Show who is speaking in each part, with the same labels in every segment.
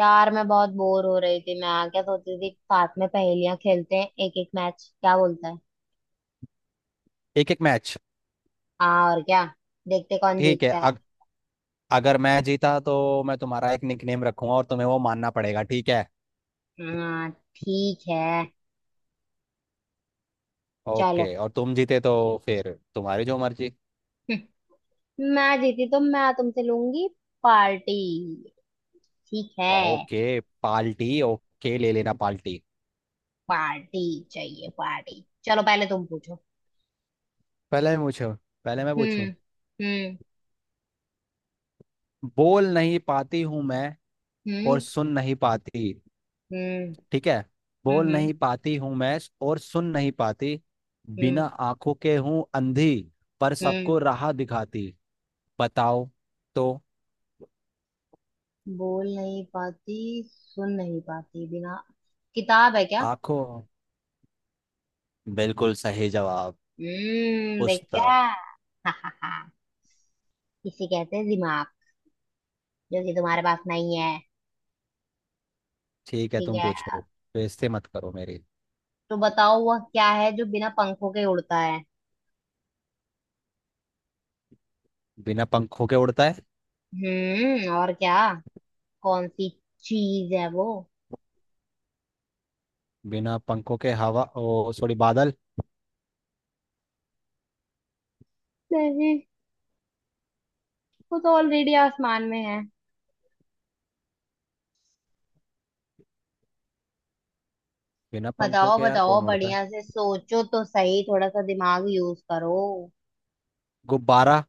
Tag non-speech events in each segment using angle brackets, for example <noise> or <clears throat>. Speaker 1: यार मैं बहुत बोर हो रही थी। मैं क्या सोचती थी, साथ में पहेलियां खेलते हैं। एक एक मैच क्या बोलता है।
Speaker 2: एक एक मैच
Speaker 1: हाँ और क्या। देखते कौन
Speaker 2: ठीक है।
Speaker 1: जीतता है।
Speaker 2: अगर मैं जीता तो मैं तुम्हारा एक निकनेम रखूंगा और तुम्हें वो मानना पड़ेगा, ठीक है?
Speaker 1: हाँ। ठीक है। चलो। <laughs>
Speaker 2: ओके, और तुम जीते तो? फिर तुम्हारी जो मर्जी।
Speaker 1: मैं जीती तो मैं तुमसे लूंगी पार्टी। ठीक है।
Speaker 2: ओके, पाल्टी, ओके, ले लेना पाल्टी।
Speaker 1: पार्टी चाहिए पार्टी। चलो पहले तुम पूछो।
Speaker 2: पहले मैं पूछूं? पहले मैं पूछूं।
Speaker 1: हम्म। हम्म।
Speaker 2: बोल नहीं पाती हूँ मैं और
Speaker 1: हम्म।
Speaker 2: सुन नहीं पाती,
Speaker 1: हम्म।
Speaker 2: ठीक है।
Speaker 1: हम्म।
Speaker 2: बोल
Speaker 1: हम्म।
Speaker 2: नहीं पाती हूँ मैं और सुन नहीं पाती,
Speaker 1: हम्म।
Speaker 2: बिना आंखों के हूँ अंधी, पर
Speaker 1: हम्म।
Speaker 2: सबको राह दिखाती। बताओ तो।
Speaker 1: बोल नहीं पाती, सुन नहीं पाती, बिना किताब है क्या।
Speaker 2: आंखों। बिल्कुल सही जवाब।
Speaker 1: हम्म,
Speaker 2: पूछता।
Speaker 1: देखा। <laughs> हा हा हा। इसे कहते हैं दिमाग, जो कि तुम्हारे पास नहीं है।
Speaker 2: ठीक है,
Speaker 1: ठीक
Speaker 2: तुम
Speaker 1: है।
Speaker 2: पूछो।
Speaker 1: अब
Speaker 2: बेइज्जती मत करो मेरी।
Speaker 1: तो बताओ वह क्या है जो बिना पंखों के उड़ता है।
Speaker 2: बिना पंखों के उड़ता है?
Speaker 1: और क्या। कौन सी चीज है वो।
Speaker 2: बिना पंखों के हवा, ओ सॉरी, बादल।
Speaker 1: नहीं, वो तो ऑलरेडी आसमान में है।
Speaker 2: बिना पंखों
Speaker 1: बताओ
Speaker 2: के यार
Speaker 1: बताओ,
Speaker 2: कौन उड़ता है?
Speaker 1: बढ़िया से सोचो तो सही, थोड़ा सा दिमाग यूज करो।
Speaker 2: गुब्बारा।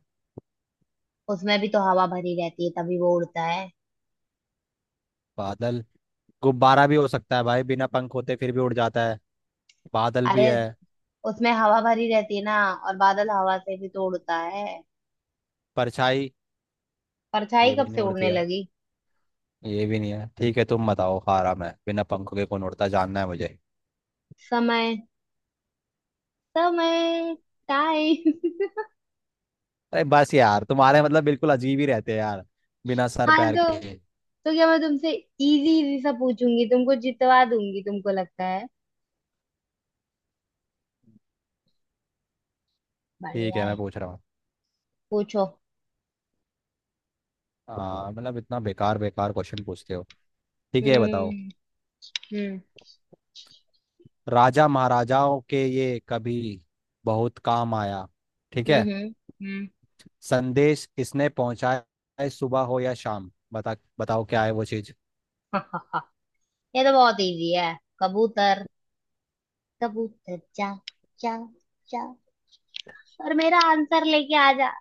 Speaker 1: उसमें भी तो हवा भरी रहती है तभी वो उड़ता है।
Speaker 2: बादल। गुब्बारा भी हो सकता है भाई, बिना पंख होते फिर भी उड़ जाता है। बादल भी
Speaker 1: अरे,
Speaker 2: है।
Speaker 1: उसमें हवा भरी रहती है ना, और बादल हवा से भी तो उड़ता है।
Speaker 2: परछाई।
Speaker 1: परछाई
Speaker 2: ये भी
Speaker 1: कब
Speaker 2: नहीं
Speaker 1: से
Speaker 2: उड़ती
Speaker 1: उड़ने
Speaker 2: है।
Speaker 1: लगी।
Speaker 2: ये भी नहीं है, ठीक है, तुम बताओ, हारा मैं, बिना पंखों के कौन उड़ता है, जानना है मुझे।
Speaker 1: समय। समय। टाइम। <laughs>
Speaker 2: अरे बस यार, तुम्हारे मतलब बिल्कुल अजीब ही रहते हैं यार। बिना सर
Speaker 1: हाँ
Speaker 2: पैर
Speaker 1: तो
Speaker 2: के।
Speaker 1: क्या मैं तुमसे इजी इजी सा पूछूंगी, तुमको जितवा दूंगी, तुमको लगता है।
Speaker 2: ठीक
Speaker 1: बढ़िया
Speaker 2: है, मैं
Speaker 1: है।
Speaker 2: पूछ रहा हूँ।
Speaker 1: पूछो।
Speaker 2: हाँ मतलब इतना बेकार बेकार क्वेश्चन पूछते हो। ठीक है, ये बताओ।
Speaker 1: हम्म। हम्म।
Speaker 2: राजा महाराजाओं के ये कभी बहुत काम आया, ठीक है।
Speaker 1: हम्म। हम्म। हम्म।
Speaker 2: संदेश इसने पहुंचाया है, सुबह हो या शाम, बताओ क्या है वो चीज।
Speaker 1: <laughs> ये तो बहुत इजी है। कबूतर। कबूतर जा जा जा, और मेरा आंसर लेके आ जा।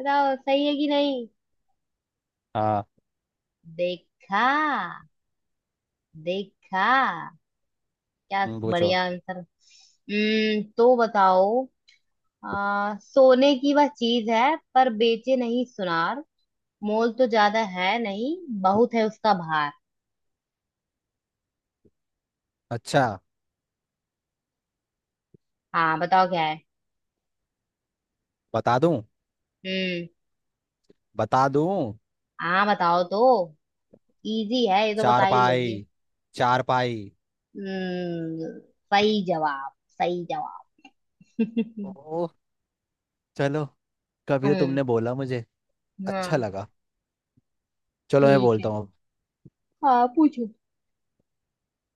Speaker 1: बताओ सही है कि नहीं।
Speaker 2: हाँ।
Speaker 1: देखा, देखा, क्या
Speaker 2: तुम पूछो।
Speaker 1: बढ़िया आंसर। हम्म, तो बताओ। सोने की वह चीज है पर बेचे नहीं सुनार, मोल तो ज्यादा है नहीं, बहुत है उसका भार।
Speaker 2: अच्छा।
Speaker 1: हाँ बताओ क्या है।
Speaker 2: बता दूं?
Speaker 1: हम्म।
Speaker 2: बता दूं?
Speaker 1: हाँ बताओ तो, इजी है ये तो बता ही
Speaker 2: चारपाई।
Speaker 1: लोगे।
Speaker 2: चारपाई।
Speaker 1: हम्म। सही जवाब, सही जवाब। <laughs>
Speaker 2: ओ, चलो, कभी तो
Speaker 1: हम्म।
Speaker 2: तुमने बोला मुझे, अच्छा
Speaker 1: हाँ।
Speaker 2: लगा। चलो मैं
Speaker 1: ठीक
Speaker 2: बोलता
Speaker 1: है।
Speaker 2: हूँ।
Speaker 1: हाँ, पूछो।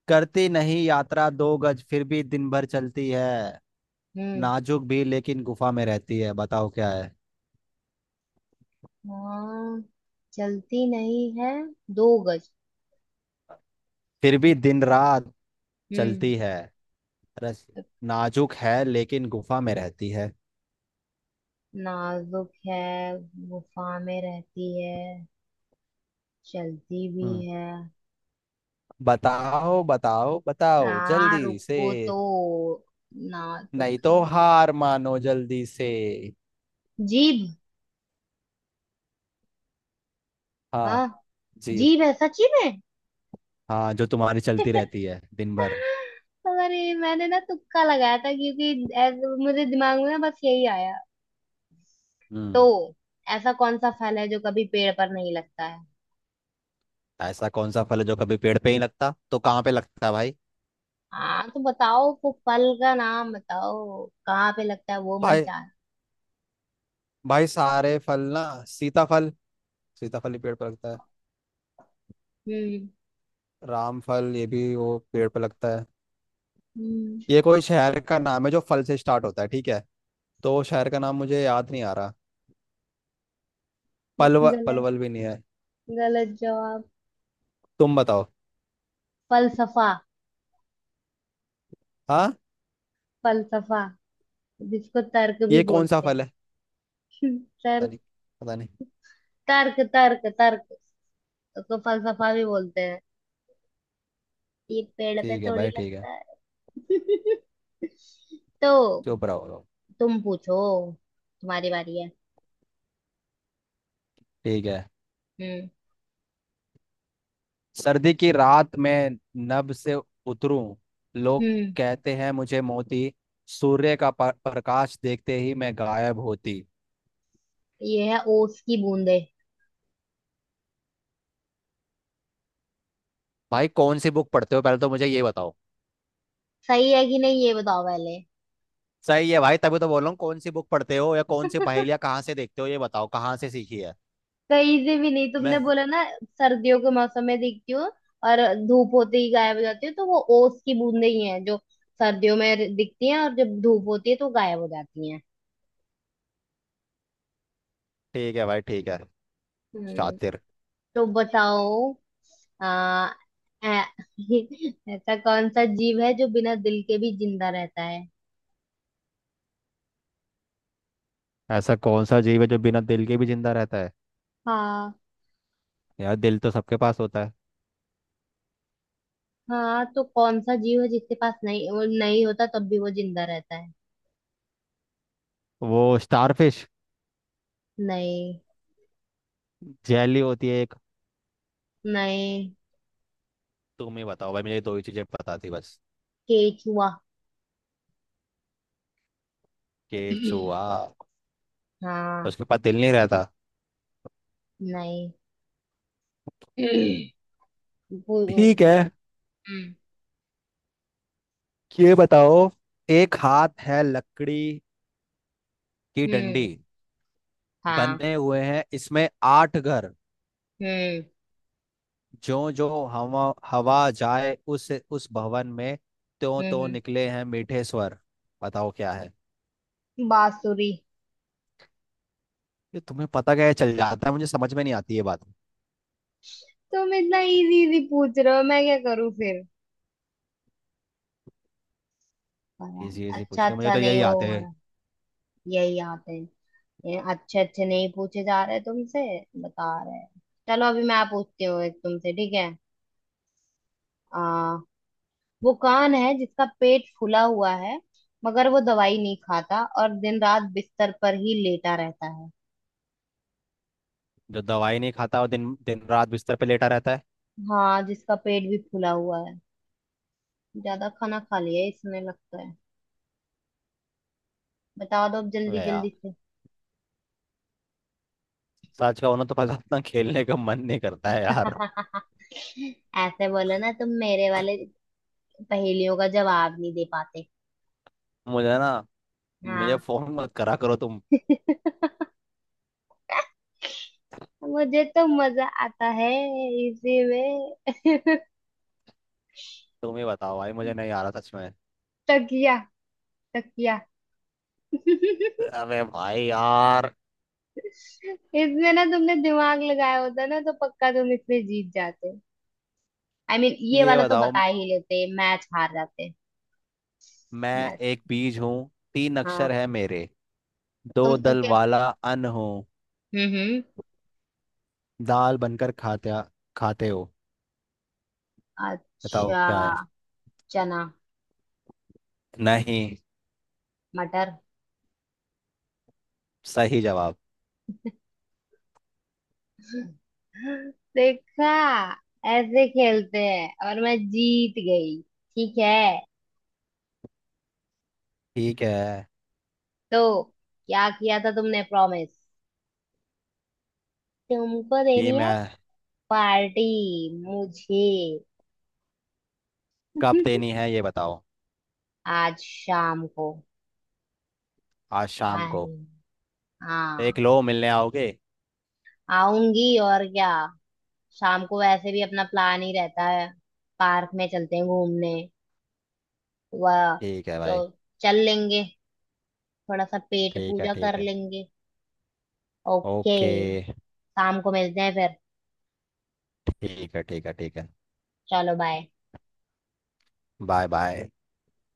Speaker 2: करती नहीं यात्रा 2 गज, फिर भी दिन भर चलती है,
Speaker 1: हम्म।
Speaker 2: नाजुक भी लेकिन गुफा में रहती है, बताओ क्या है।
Speaker 1: हाँ, चलती नहीं है दो गज।
Speaker 2: फिर भी दिन रात
Speaker 1: हम्म।
Speaker 2: चलती है। रस। नाजुक है लेकिन गुफा में रहती है।
Speaker 1: नाजुक है, गुफा में रहती है, चलती भी
Speaker 2: हम्म।
Speaker 1: है।
Speaker 2: बताओ बताओ बताओ
Speaker 1: हाँ
Speaker 2: जल्दी से।
Speaker 1: रुको तो ना। तो
Speaker 2: नहीं तो
Speaker 1: क्या,
Speaker 2: हार मानो जल्दी से।
Speaker 1: जीभ।
Speaker 2: हाँ।
Speaker 1: हाँ।
Speaker 2: जी।
Speaker 1: जीभ है सची में।
Speaker 2: हाँ, जो तुम्हारी चलती रहती है दिन भर।
Speaker 1: अरे, मैंने ना तुक्का लगाया था, क्योंकि ऐसे मुझे दिमाग में ना बस यही आया। तो
Speaker 2: हम्म।
Speaker 1: ऐसा कौन सा फल है जो कभी पेड़ पर नहीं लगता है।
Speaker 2: ऐसा कौन सा फल है जो कभी पेड़ पे ही लगता तो कहाँ पे लगता है भाई?
Speaker 1: हाँ तो बताओ, वो फल का नाम बताओ, कहाँ पे लगता है वो मन
Speaker 2: भाई
Speaker 1: चाह।
Speaker 2: भाई सारे फल ना, सीताफल, सीताफल ही पेड़ पे लगता है।
Speaker 1: हम्म।
Speaker 2: रामफल ये भी वो पेड़ पे लगता है।
Speaker 1: हम्म।
Speaker 2: ये कोई शहर का नाम है जो फल से स्टार्ट होता है, ठीक है, तो शहर का नाम मुझे याद नहीं आ रहा। पलवल,
Speaker 1: गलत,
Speaker 2: पलवल भी नहीं है।
Speaker 1: गलत जवाब।
Speaker 2: तुम बताओ।
Speaker 1: फलसफा।
Speaker 2: हाँ,
Speaker 1: फलसफा, जिसको तर्क भी
Speaker 2: ये कौन सा
Speaker 1: बोलते हैं।
Speaker 2: फल है?
Speaker 1: <laughs>
Speaker 2: पता
Speaker 1: तर्क,
Speaker 2: नहीं, पता नहीं।
Speaker 1: तर्क, तर्क। तर्क उसको फलसफा भी बोलते हैं, ये पेड़ पे
Speaker 2: ठीक है
Speaker 1: थोड़ी
Speaker 2: भाई, ठीक है।
Speaker 1: लगता है। <laughs> तो
Speaker 2: चुप रहो लोग।
Speaker 1: तुम पूछो, तुम्हारी बारी है।
Speaker 2: ठीक है।
Speaker 1: हम्म।
Speaker 2: सर्दी की रात में नभ से उतरूं, लोग
Speaker 1: हम्म।
Speaker 2: कहते हैं मुझे मोती, सूर्य का प्रकाश देखते ही मैं गायब होती।
Speaker 1: ये है ओस की बूंदे।
Speaker 2: भाई कौन सी बुक पढ़ते हो पहले तो मुझे ये बताओ?
Speaker 1: सही है कि नहीं ये बताओ पहले।
Speaker 2: सही है भाई, तभी तो बोल रहा हूँ, कौन सी बुक पढ़ते हो या कौन सी पहेलियाँ कहाँ से देखते हो, ये बताओ कहाँ से सीखी है?
Speaker 1: कहीं से भी नहीं, तुमने
Speaker 2: मैं।
Speaker 1: बोला ना, सर्दियों के मौसम में दिखती हो, और धूप होते ही गायब हो जाती हो, तो वो ओस की बूंदे ही हैं जो सर्दियों में दिखती हैं और जब धूप होती है तो गायब हो जाती हैं।
Speaker 2: ठीक है भाई, ठीक है।
Speaker 1: हम्म।
Speaker 2: शातिर।
Speaker 1: तो बताओ। आ, ऐ- <laughs> ऐसा कौन सा जीव है जो बिना दिल के भी जिंदा रहता है।
Speaker 2: ऐसा कौन सा जीव है जो बिना दिल के भी जिंदा रहता है?
Speaker 1: हाँ।
Speaker 2: यार दिल तो सबके पास होता है।
Speaker 1: हाँ तो कौन सा जीव है जिसके पास नहीं, वो नहीं होता तब भी वो जिंदा रहता है।
Speaker 2: वो स्टारफिश।
Speaker 1: नहीं।
Speaker 2: जेली होती है एक।
Speaker 1: नहीं।
Speaker 2: तुम ही बताओ भाई, मुझे ये दो ही चीजें पता थी बस।
Speaker 1: केचुआ। <clears throat>
Speaker 2: केचुआ?
Speaker 1: हाँ।
Speaker 2: उसके पास दिल नहीं रहता?
Speaker 1: नहीं। <clears throat> वो-
Speaker 2: ठीक
Speaker 1: वो-
Speaker 2: है,
Speaker 1: वो- हम्म।
Speaker 2: ये बताओ। एक हाथ है लकड़ी की डंडी,
Speaker 1: हम्म। हाँ।
Speaker 2: बने हुए हैं इसमें आठ घर,
Speaker 1: हम्म।
Speaker 2: जो जो हवा हवा जाए उस भवन में, त्यों
Speaker 1: हम्म।
Speaker 2: त्यों
Speaker 1: हम्म।
Speaker 2: निकले हैं मीठे स्वर। बताओ क्या है।
Speaker 1: बांसुरी।
Speaker 2: ये तुम्हें पता क्या है चल जाता है, मुझे समझ में नहीं आती ये बात।
Speaker 1: तुम इतना इजी इजी पूछ रहे हो, मैं क्या करूँ फिर। पता नहीं।
Speaker 2: इजी इजी पूछ
Speaker 1: अच्छा
Speaker 2: रहे हो, मुझे
Speaker 1: अच्छा
Speaker 2: तो
Speaker 1: नहीं
Speaker 2: यही
Speaker 1: वो
Speaker 2: आते
Speaker 1: हो
Speaker 2: हैं।
Speaker 1: रहा। यही आते हैं। ये अच्छे अच्छे नहीं पूछे जा रहे तुमसे, बता रहे हैं। चलो अभी मैं पूछती हूँ एक तुमसे, ठीक है। आ, वो कान है जिसका पेट फूला हुआ है, मगर वो दवाई नहीं खाता और दिन रात बिस्तर पर ही लेटा रहता है।
Speaker 2: जो दवाई नहीं खाता, वो दिन दिन रात बिस्तर पे लेटा रहता है।
Speaker 1: हाँ, जिसका पेट भी फूला हुआ है, ज्यादा खाना खा लिया है इसमें लगता है। बता दो अब जल्दी
Speaker 2: अबे यार,
Speaker 1: जल्दी से।
Speaker 2: सच का होना तो पता, इतना खेलने का मन नहीं करता है यार।
Speaker 1: <laughs> ऐसे बोलो ना, तुम मेरे वाले पहेलियों का जवाब नहीं दे पाते।
Speaker 2: मुझे ना, मुझे
Speaker 1: हाँ।
Speaker 2: फोन मत करा करो तुम।
Speaker 1: <laughs> मुझे तो मजा आता है इसी में। <laughs>
Speaker 2: तुम ही बताओ भाई, मुझे नहीं आ रहा सच में।
Speaker 1: तकिया। तकिया।
Speaker 2: अबे भाई यार।
Speaker 1: इसमें ना तुमने दिमाग लगाया होता ना, तो पक्का तुम इसमें जीत जाते। आई I मीन mean, ये
Speaker 2: ये
Speaker 1: वाला तो
Speaker 2: बताओ,
Speaker 1: बता ही लेते, मैच हार जाते।
Speaker 2: मैं
Speaker 1: मैच।
Speaker 2: एक बीज हूँ, तीन
Speaker 1: हाँ।
Speaker 2: अक्षर है मेरे,
Speaker 1: तुम
Speaker 2: दो दल
Speaker 1: क्या।
Speaker 2: वाला अन्न हूँ,
Speaker 1: हम्म। हम्म।
Speaker 2: दाल बनकर खाते खाते हो, बताओ
Speaker 1: अच्छा।
Speaker 2: क्या है।
Speaker 1: चना।
Speaker 2: नहीं।
Speaker 1: मटर।
Speaker 2: सही जवाब।
Speaker 1: <gasps> देखा, ऐसे खेलते हैं, और मैं जीत गई। ठीक है।
Speaker 2: ठीक है।
Speaker 1: तो क्या किया था तुमने प्रॉमिस, तुमको
Speaker 2: ये
Speaker 1: देनी है
Speaker 2: मैं।
Speaker 1: पार्टी मुझे।
Speaker 2: कब देनी
Speaker 1: <laughs>
Speaker 2: है ये बताओ?
Speaker 1: आज शाम को।
Speaker 2: आज शाम को।
Speaker 1: अरे,
Speaker 2: देख
Speaker 1: हाँ।
Speaker 2: लो, मिलने आओगे?
Speaker 1: आऊंगी और क्या, शाम को वैसे भी अपना प्लान ही रहता है, पार्क में चलते हैं घूमने वह।
Speaker 2: ठीक है
Speaker 1: तो
Speaker 2: भाई,
Speaker 1: चल लेंगे, थोड़ा सा पेट
Speaker 2: ठीक है,
Speaker 1: पूजा
Speaker 2: ठीक
Speaker 1: कर
Speaker 2: है।
Speaker 1: लेंगे। ओके।
Speaker 2: ओके।
Speaker 1: शाम को मिलते हैं फिर।
Speaker 2: ठीक है, ठीक है, ठीक है।
Speaker 1: चलो बाय।
Speaker 2: Bye bye.